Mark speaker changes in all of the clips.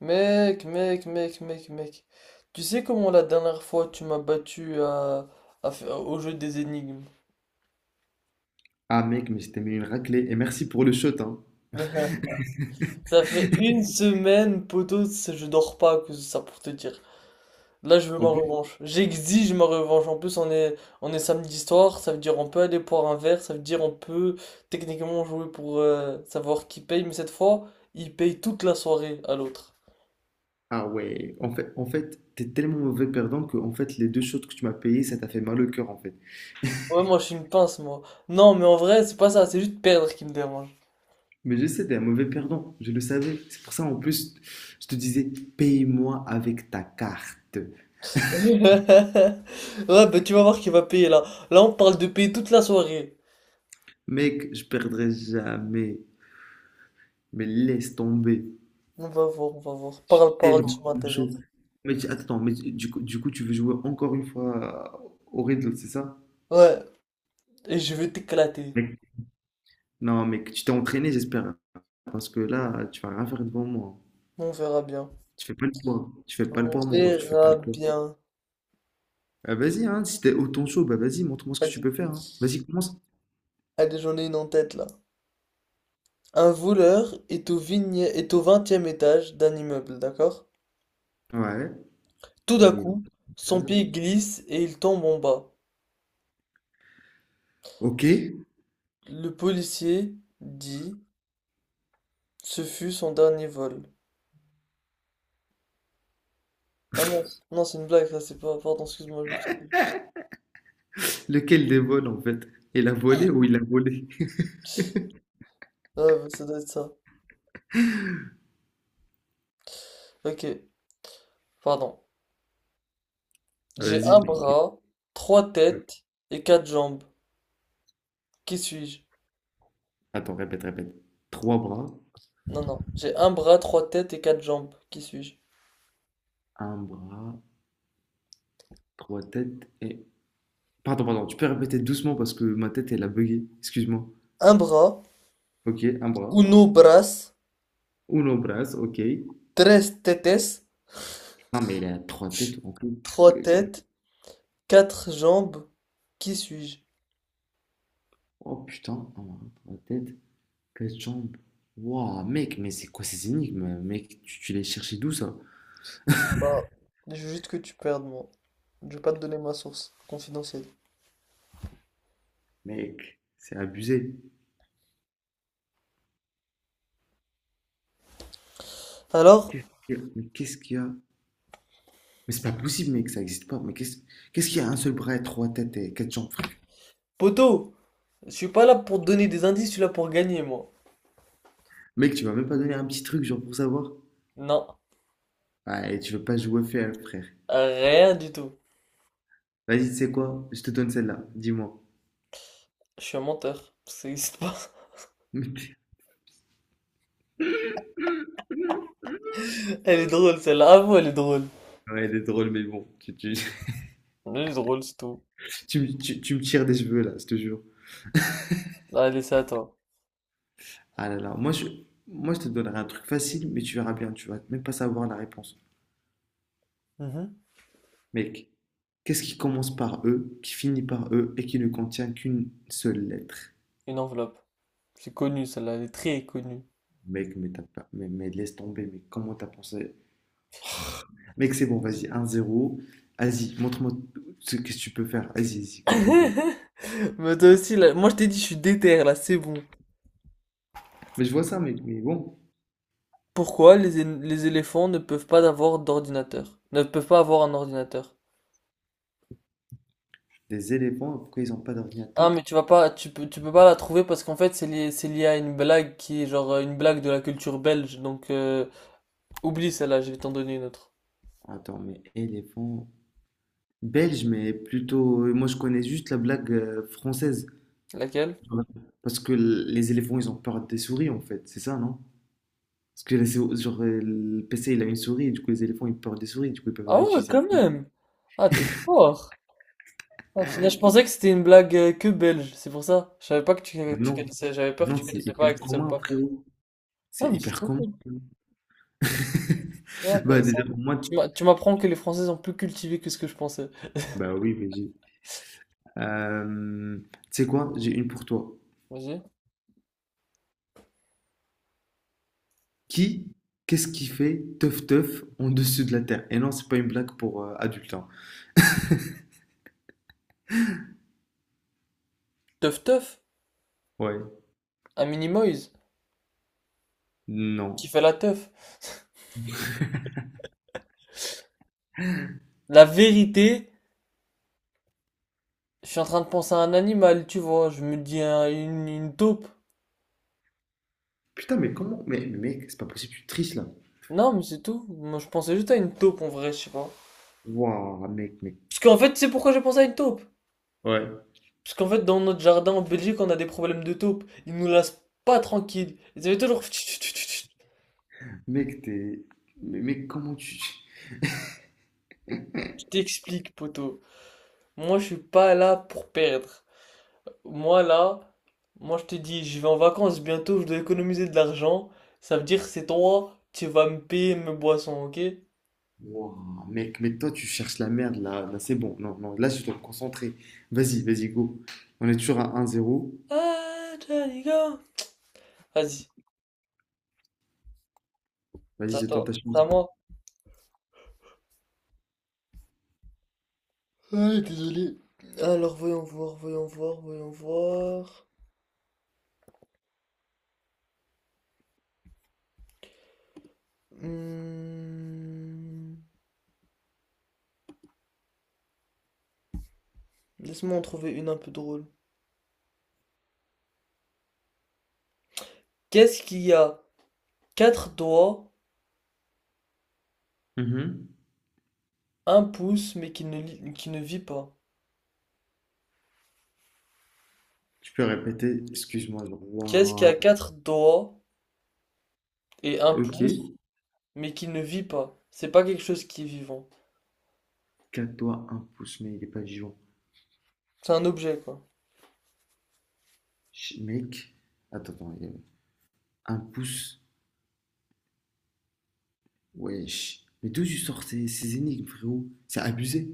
Speaker 1: Mec, mec, mec, mec, mec. Tu sais comment la dernière fois tu m'as battu au jeu des énigmes?
Speaker 2: Ah mec, mais je t'ai mis une raclée. Et merci pour le shot, hein.
Speaker 1: Ça fait une semaine, poteau, c'est- je dors pas que ça pour te dire. Là, je veux
Speaker 2: En
Speaker 1: ma
Speaker 2: plus,
Speaker 1: revanche. J'exige ma revanche. En plus, on est samedi soir, ça veut dire on peut aller boire un verre, ça veut dire on peut techniquement jouer pour savoir qui paye, mais cette fois, il paye toute la soirée à l'autre.
Speaker 2: ah ouais, en fait, t'es tellement mauvais perdant que en fait, les deux shots que tu m'as payé, ça t'a fait mal au cœur en fait.
Speaker 1: Ouais, moi, je suis une pince, moi. Non, mais en vrai, c'est pas ça, c'est juste perdre qui me dérange.
Speaker 2: Mais je sais, t'es un mauvais perdant, je le savais. C'est pour ça en plus, je te disais, paye-moi avec ta carte.
Speaker 1: Ouais, bah tu vas voir qu'il va payer là. Là, on parle de payer toute la soirée.
Speaker 2: Mec, je perdrai jamais. Mais laisse tomber.
Speaker 1: On va voir, on va voir.
Speaker 2: Je suis
Speaker 1: Parle, parle,
Speaker 2: tellement
Speaker 1: tu
Speaker 2: chaud.
Speaker 1: m'intéresses.
Speaker 2: Mais tu, attends, mais du coup, tu veux jouer encore une fois au riddle, c'est ça?
Speaker 1: Ouais, et je vais t'éclater.
Speaker 2: Non, mais que tu t'es entraîné, j'espère. Parce que là, tu vas rien faire devant moi.
Speaker 1: On verra bien.
Speaker 2: Tu fais pas le poids. Tu fais pas le
Speaker 1: On
Speaker 2: poids, mon ref. Tu fais pas
Speaker 1: verra
Speaker 2: le poids.
Speaker 1: bien.
Speaker 2: Ah, vas-y, hein, si t'es autant chaud, bah vas-y, montre-moi ce que tu
Speaker 1: Vas-y.
Speaker 2: peux faire, hein. Vas-y, commence.
Speaker 1: Allez, j'en ai une en tête là. Un voleur est au vingtième étage d'un immeuble, d'accord?
Speaker 2: Ouais.
Speaker 1: Tout d'un
Speaker 2: Il est au
Speaker 1: coup, son pied
Speaker 2: cage.
Speaker 1: glisse et il tombe en bas.
Speaker 2: Ok.
Speaker 1: Le policier dit, ce fut son dernier vol. Ah mince, non, c'est une blague, ça c'est pas. Pardon, excuse-moi, je me suis.
Speaker 2: Lequel des vols, en fait? Il a volé ou il a volé?
Speaker 1: Ouais, bah, ça doit être ça. Ok, pardon. J'ai
Speaker 2: Vas-y,
Speaker 1: un
Speaker 2: mec.
Speaker 1: bras, trois têtes et quatre jambes. Qui suis-je?
Speaker 2: Attends, répète. Trois bras,
Speaker 1: Non, non. J'ai un bras, trois têtes et quatre jambes. Qui suis-je?
Speaker 2: un bras, trois têtes et… Pardon, pardon, tu peux répéter doucement parce que ma tête, elle a bugué. Excuse-moi.
Speaker 1: Un bras,
Speaker 2: Ok, un bras.
Speaker 1: uno bras,
Speaker 2: Uno bras, ok.
Speaker 1: tres tetes,
Speaker 2: Non, mais il a trois têtes, en fait.
Speaker 1: trois têtes, quatre jambes. Qui suis-je?
Speaker 2: Oh putain, ah, la tête, quatre jambes. Waouh, mec, mais c'est quoi ces énigmes, mec? Tu les cherchais d'où ça?
Speaker 1: Bah, je veux juste que tu perdes, moi. Je vais pas te donner ma source confidentielle.
Speaker 2: Mec, c'est abusé.
Speaker 1: Alors,
Speaker 2: Mais qu'est-ce qu'il y a? Mais c'est pas possible, mec, ça existe pas. Mais qu'est-ce qu'il y a un seul bras, trois têtes et quatre jambes, frère?
Speaker 1: poto, je suis pas là pour te donner des indices, je suis là pour gagner, moi.
Speaker 2: Mec, tu m'as même pas donné un petit truc, genre pour savoir?
Speaker 1: Non,
Speaker 2: Ah, et tu veux pas jouer fair, frère.
Speaker 1: rien du tout.
Speaker 2: Vas-y, tu sais quoi? Je te donne celle-là, dis-moi.
Speaker 1: Je suis un menteur. Ça existe pas. Elle est drôle celle-là. Avoue, elle est drôle.
Speaker 2: Ouais, elle est drôle, mais bon,
Speaker 1: Elle est drôle, c'est tout.
Speaker 2: tu me tires des cheveux là, je te jure.
Speaker 1: Allez, c'est à toi.
Speaker 2: Ah là là, moi je te donnerai un truc facile, mais tu verras bien, tu vas même pas savoir la réponse.
Speaker 1: Mhm.
Speaker 2: Mec, qu'est-ce qui commence par E, qui finit par E et qui ne contient qu'une seule lettre?
Speaker 1: Une enveloppe. C'est connu celle-là, elle est très connue.
Speaker 2: Mec, mais t'as pas, laisse tomber, mais comment t'as pensé? Mec, c'est bon, vas-y, 1-0. Vas-y, montre-moi ce que tu peux faire. Go, go.
Speaker 1: Mais toi aussi, là, moi je t'ai dit, je suis déter là, c'est bon.
Speaker 2: Mais je vois ça, mec, mais bon,
Speaker 1: Pourquoi les, é- les éléphants ne peuvent pas avoir d'ordinateur? Ne peuvent pas avoir un ordinateur.
Speaker 2: les éléphants, pourquoi ils n'ont pas
Speaker 1: Ah,
Speaker 2: d'ordinateur?
Speaker 1: mais tu vas pas, tu peux pas la trouver parce qu'en fait, c'est lié à une blague qui est genre une blague de la culture belge. Donc, oublie celle-là, je vais t'en donner une autre.
Speaker 2: Attends, mais éléphants. Belge, mais plutôt. Moi, je connais juste la blague française.
Speaker 1: Laquelle?
Speaker 2: Ouais. Parce que les éléphants, ils ont peur des souris, en fait. C'est ça, non? Parce que les le PC, il a une souris, et du coup, les éléphants, ils ont peur des souris, du coup, ils peuvent
Speaker 1: Ah
Speaker 2: pas
Speaker 1: ouais,
Speaker 2: utiliser un
Speaker 1: quand
Speaker 2: PC.
Speaker 1: même. Ah, t'es fort. Ah, putain, je pensais que c'était une blague que belge, c'est pour ça. Je savais pas que
Speaker 2: Mais
Speaker 1: tu
Speaker 2: non,
Speaker 1: connaissais, j'avais peur que
Speaker 2: non,
Speaker 1: tu
Speaker 2: c'est
Speaker 1: connaissais pas et
Speaker 2: hyper
Speaker 1: que tu savais
Speaker 2: commun,
Speaker 1: pas faire.
Speaker 2: frérot.
Speaker 1: Ah,
Speaker 2: C'est
Speaker 1: mais c'est
Speaker 2: hyper
Speaker 1: trop
Speaker 2: commun.
Speaker 1: cool. Ouais,
Speaker 2: Bah, déjà,
Speaker 1: intéressant.
Speaker 2: pour moi,
Speaker 1: Tu m'apprends que les Français sont plus cultivés que ce que je pensais.
Speaker 2: bah oui, VG. Euh, Tu sais quoi? J'ai une pour toi.
Speaker 1: Vas-y.
Speaker 2: Qui, Qu'est-ce qui fait teuf teuf en dessous de la terre? Et non, c'est pas une blague pour adultes, hein.
Speaker 1: Teuf teuf,
Speaker 2: Ouais,
Speaker 1: un mini-moise,
Speaker 2: non.
Speaker 1: qui fait la teuf. La vérité, je suis en train de penser à un animal, tu vois, je me dis une taupe.
Speaker 2: Putain, mais comment? Mais mec, c'est pas possible, tu triches là.
Speaker 1: Non, mais c'est tout. Moi, je pensais juste à une taupe en vrai, je sais pas.
Speaker 2: Waouh, mec.
Speaker 1: Parce qu'en fait, tu sais pourquoi j'ai pensé à une taupe?
Speaker 2: Ouais.
Speaker 1: Parce qu'en fait, dans notre jardin en Belgique, on a des problèmes de taupes. Ils nous laissent pas tranquilles. Ils avaient toujours. Je
Speaker 2: Mec, t'es. Mais mec, comment tu.
Speaker 1: t'explique, poteau. Moi, je suis pas là pour perdre. Moi, là, moi, je te dis, je vais en vacances bientôt, je dois économiser de l'argent. Ça veut dire, c'est toi, tu vas me payer mes boissons, ok?
Speaker 2: Wouah, mec, mais toi, tu cherches la merde là. Là, c'est bon. Non, non, là, je dois me concentrer. Vas-y, go. On est toujours à un zéro.
Speaker 1: Ah, Johnny, go! Vas-y,
Speaker 2: Vas-y,
Speaker 1: c'est à
Speaker 2: c'est ton ta
Speaker 1: c'est
Speaker 2: chance.
Speaker 1: à moi. Ouais, désolé. Alors, voyons voir, voyons voir, voyons voir. Hmm, laisse-moi en trouver une un peu drôle. Qu'est-ce qui a quatre doigts,
Speaker 2: Mhm.
Speaker 1: un pouce, qui ne vit pas?
Speaker 2: Tu peux répéter, excuse-moi, genre.
Speaker 1: Qu'est-ce qui
Speaker 2: Wouah.
Speaker 1: a quatre doigts et un
Speaker 2: Ok.
Speaker 1: pouce, mais qui ne vit pas? C'est pas quelque chose qui est vivant.
Speaker 2: 4 doigts, un pouce, mais il est pas Dijon.
Speaker 1: C'est un objet, quoi.
Speaker 2: Mec. Attends. Il y a, un pouce. Wesh. Mais d'où tu sors ces énigmes, frérot? C'est abusé.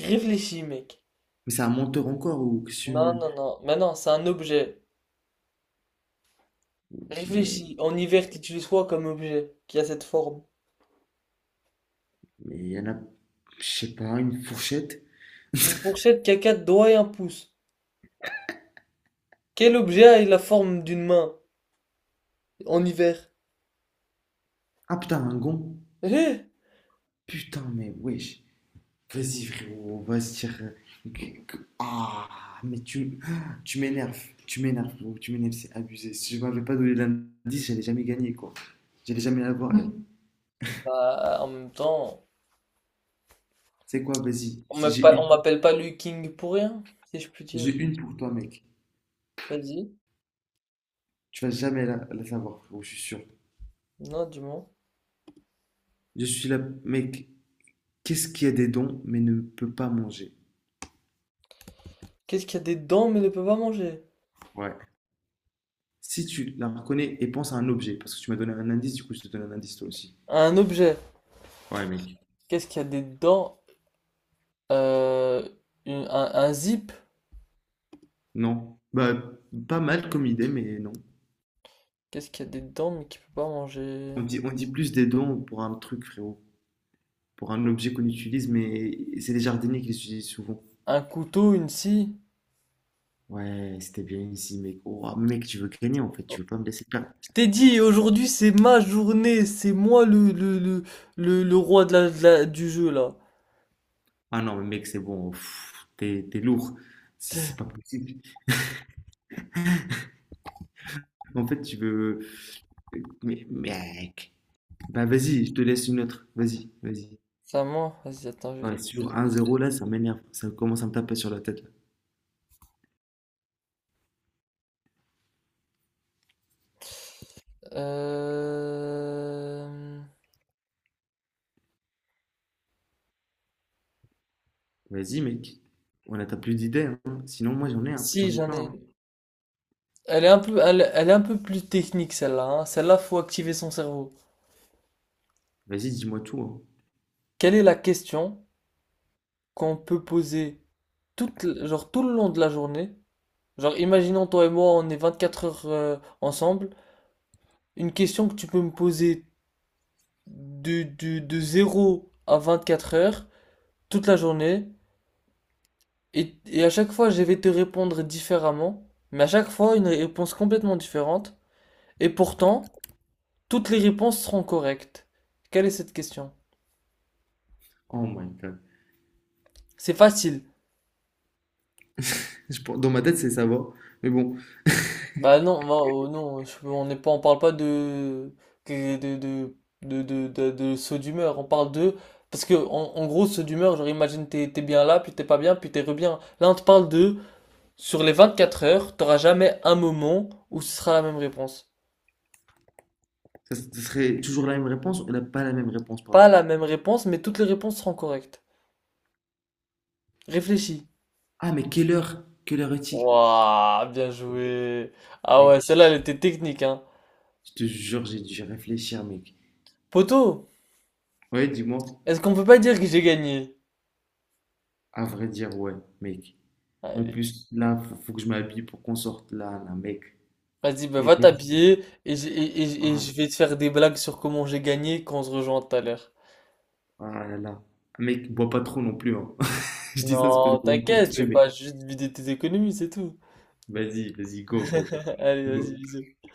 Speaker 1: Réfléchis, mec.
Speaker 2: Mais c'est un menteur encore ou que
Speaker 1: Non,
Speaker 2: tu.
Speaker 1: non, non. Mais non, c'est un objet.
Speaker 2: Mais.
Speaker 1: Réfléchis. En hiver, qu'utilise quoi comme objet qui a cette forme?
Speaker 2: Mais il y en a. Je sais pas, une fourchette.
Speaker 1: Une fourchette qui a quatre doigts et un pouce. Quel objet a la forme d'une main en hiver?
Speaker 2: Ah putain, un gon.
Speaker 1: Eh
Speaker 2: Putain, mais wesh. Vas-y, frérot, on va se tirer. Ah, mais tu, Tu m'énerves. Tu m'énerves, frérot, tu m'énerves, c'est abusé. Si je m'avais pas donné l'indice, j'allais jamais gagner, quoi. J'allais jamais l'avoir, elle.
Speaker 1: bah, en même temps,
Speaker 2: C'est quoi, vas-y. Si J'ai
Speaker 1: on
Speaker 2: une,
Speaker 1: m'appelle pas Liu King pour rien, si je puis dire.
Speaker 2: J'ai une pour toi, mec.
Speaker 1: Vas-y.
Speaker 2: Tu vas jamais la savoir, frérot, je suis sûr.
Speaker 1: Non, du moi.
Speaker 2: Je suis là, mec. Qu'est-ce qui a des dons, mais ne peut pas manger?
Speaker 1: Qu'est-ce qui a des dents mais ne peut pas manger?
Speaker 2: Ouais. Si tu la reconnais et pense à un objet, parce que tu m'as donné un indice, du coup, je te donne un indice toi aussi.
Speaker 1: Un objet.
Speaker 2: Ouais, mec.
Speaker 1: Qu'est-ce qui a des dents? Euh, un zip.
Speaker 2: Non. Bah, pas mal comme idée, mais non.
Speaker 1: Qu'est-ce qui a des dents mais qui peut pas
Speaker 2: On
Speaker 1: manger?
Speaker 2: dit, on dit plus des dons pour un truc, frérot. Pour un objet qu'on utilise, mais c'est les jardiniers qui les utilisent souvent.
Speaker 1: Un couteau, une scie.
Speaker 2: Ouais, c'était bien ici, mec. Oh, mec, tu veux gagner, en fait. Tu veux pas me laisser perdre.
Speaker 1: Je t'ai dit, aujourd'hui c'est ma journée, c'est moi le roi du jeu là.
Speaker 2: Ah non, mais mec, c'est bon. Pff, t'es lourd. C'est pas possible. En fait, tu veux… Mais, mec. Bah, vas-y, je te laisse une autre. Vas-y.
Speaker 1: C'est à moi. Vas-y, attends, je vais-.
Speaker 2: Ouais, sur un zéro là, ça m'énerve. Ça commence à me taper sur la tête, là.
Speaker 1: Euh...
Speaker 2: Vas-y, mec. On a t'as plus d'idées, hein. Sinon, moi,
Speaker 1: Si,
Speaker 2: j'en ai
Speaker 1: j'en
Speaker 2: plein,
Speaker 1: ai
Speaker 2: hein.
Speaker 1: une. Elle est un peu, elle est un peu plus technique celle-là, hein. Celle-là, faut activer son cerveau.
Speaker 2: Vas-y, dis-moi tout, hein.
Speaker 1: Quelle est la question qu'on peut poser toute, genre, tout le long de la journée. Genre, imaginons toi et moi, on est 24 heures ensemble. Une question que tu peux me poser de zéro à 24 heures, toute la journée. Et, à chaque fois, je vais te répondre différemment. Mais à chaque fois, une réponse complètement différente. Et pourtant, toutes les réponses seront correctes. Quelle est cette question?
Speaker 2: Oh my God.
Speaker 1: C'est facile.
Speaker 2: Dans ma tête, c'est ça va. Mais bon,
Speaker 1: Bah non, moi, oh non, on n'est pas, on parle pas de que- de de de saut d'humeur. On parle de parce que en gros saut d'humeur, genre imagine t'es bien là, puis t'es pas bien, puis t'es re bien. Là, on te parle de sur les 24 heures, t'auras jamais un moment où ce sera la même réponse.
Speaker 2: ça, ce serait toujours la même réponse ou pas la même réponse, pardon.
Speaker 1: Pas la même réponse, mais toutes les réponses seront correctes. Réfléchis.
Speaker 2: Ah, mais quelle heure? Quelle heure est-il?
Speaker 1: Waouh, bien joué. Ah ouais,
Speaker 2: Mec,
Speaker 1: celle-là, elle était technique, hein.
Speaker 2: je te jure, j'ai dû réfléchir, mec.
Speaker 1: Poto,
Speaker 2: Ouais, dis-moi.
Speaker 1: est-ce qu'on peut pas dire que j'ai gagné?
Speaker 2: À vrai dire, ouais, mec. En
Speaker 1: Allez.
Speaker 2: plus, là, faut que je m'habille pour qu'on sorte là, mec.
Speaker 1: Vas-y, bah, va
Speaker 2: Mec,
Speaker 1: t'habiller et
Speaker 2: ah,
Speaker 1: je vais te faire des blagues sur comment j'ai gagné quand on se rejoint tout à l'heure.
Speaker 2: ah là là. Ah, mec, bois pas trop non plus, hein. Je dis ça, c'est
Speaker 1: Non,
Speaker 2: peut-être pour me faire
Speaker 1: t'inquiète, je
Speaker 2: tuer,
Speaker 1: vais
Speaker 2: mais
Speaker 1: pas juste vider tes économies, c'est tout.
Speaker 2: vas-y,
Speaker 1: Allez, vas-y,
Speaker 2: go.
Speaker 1: bisous.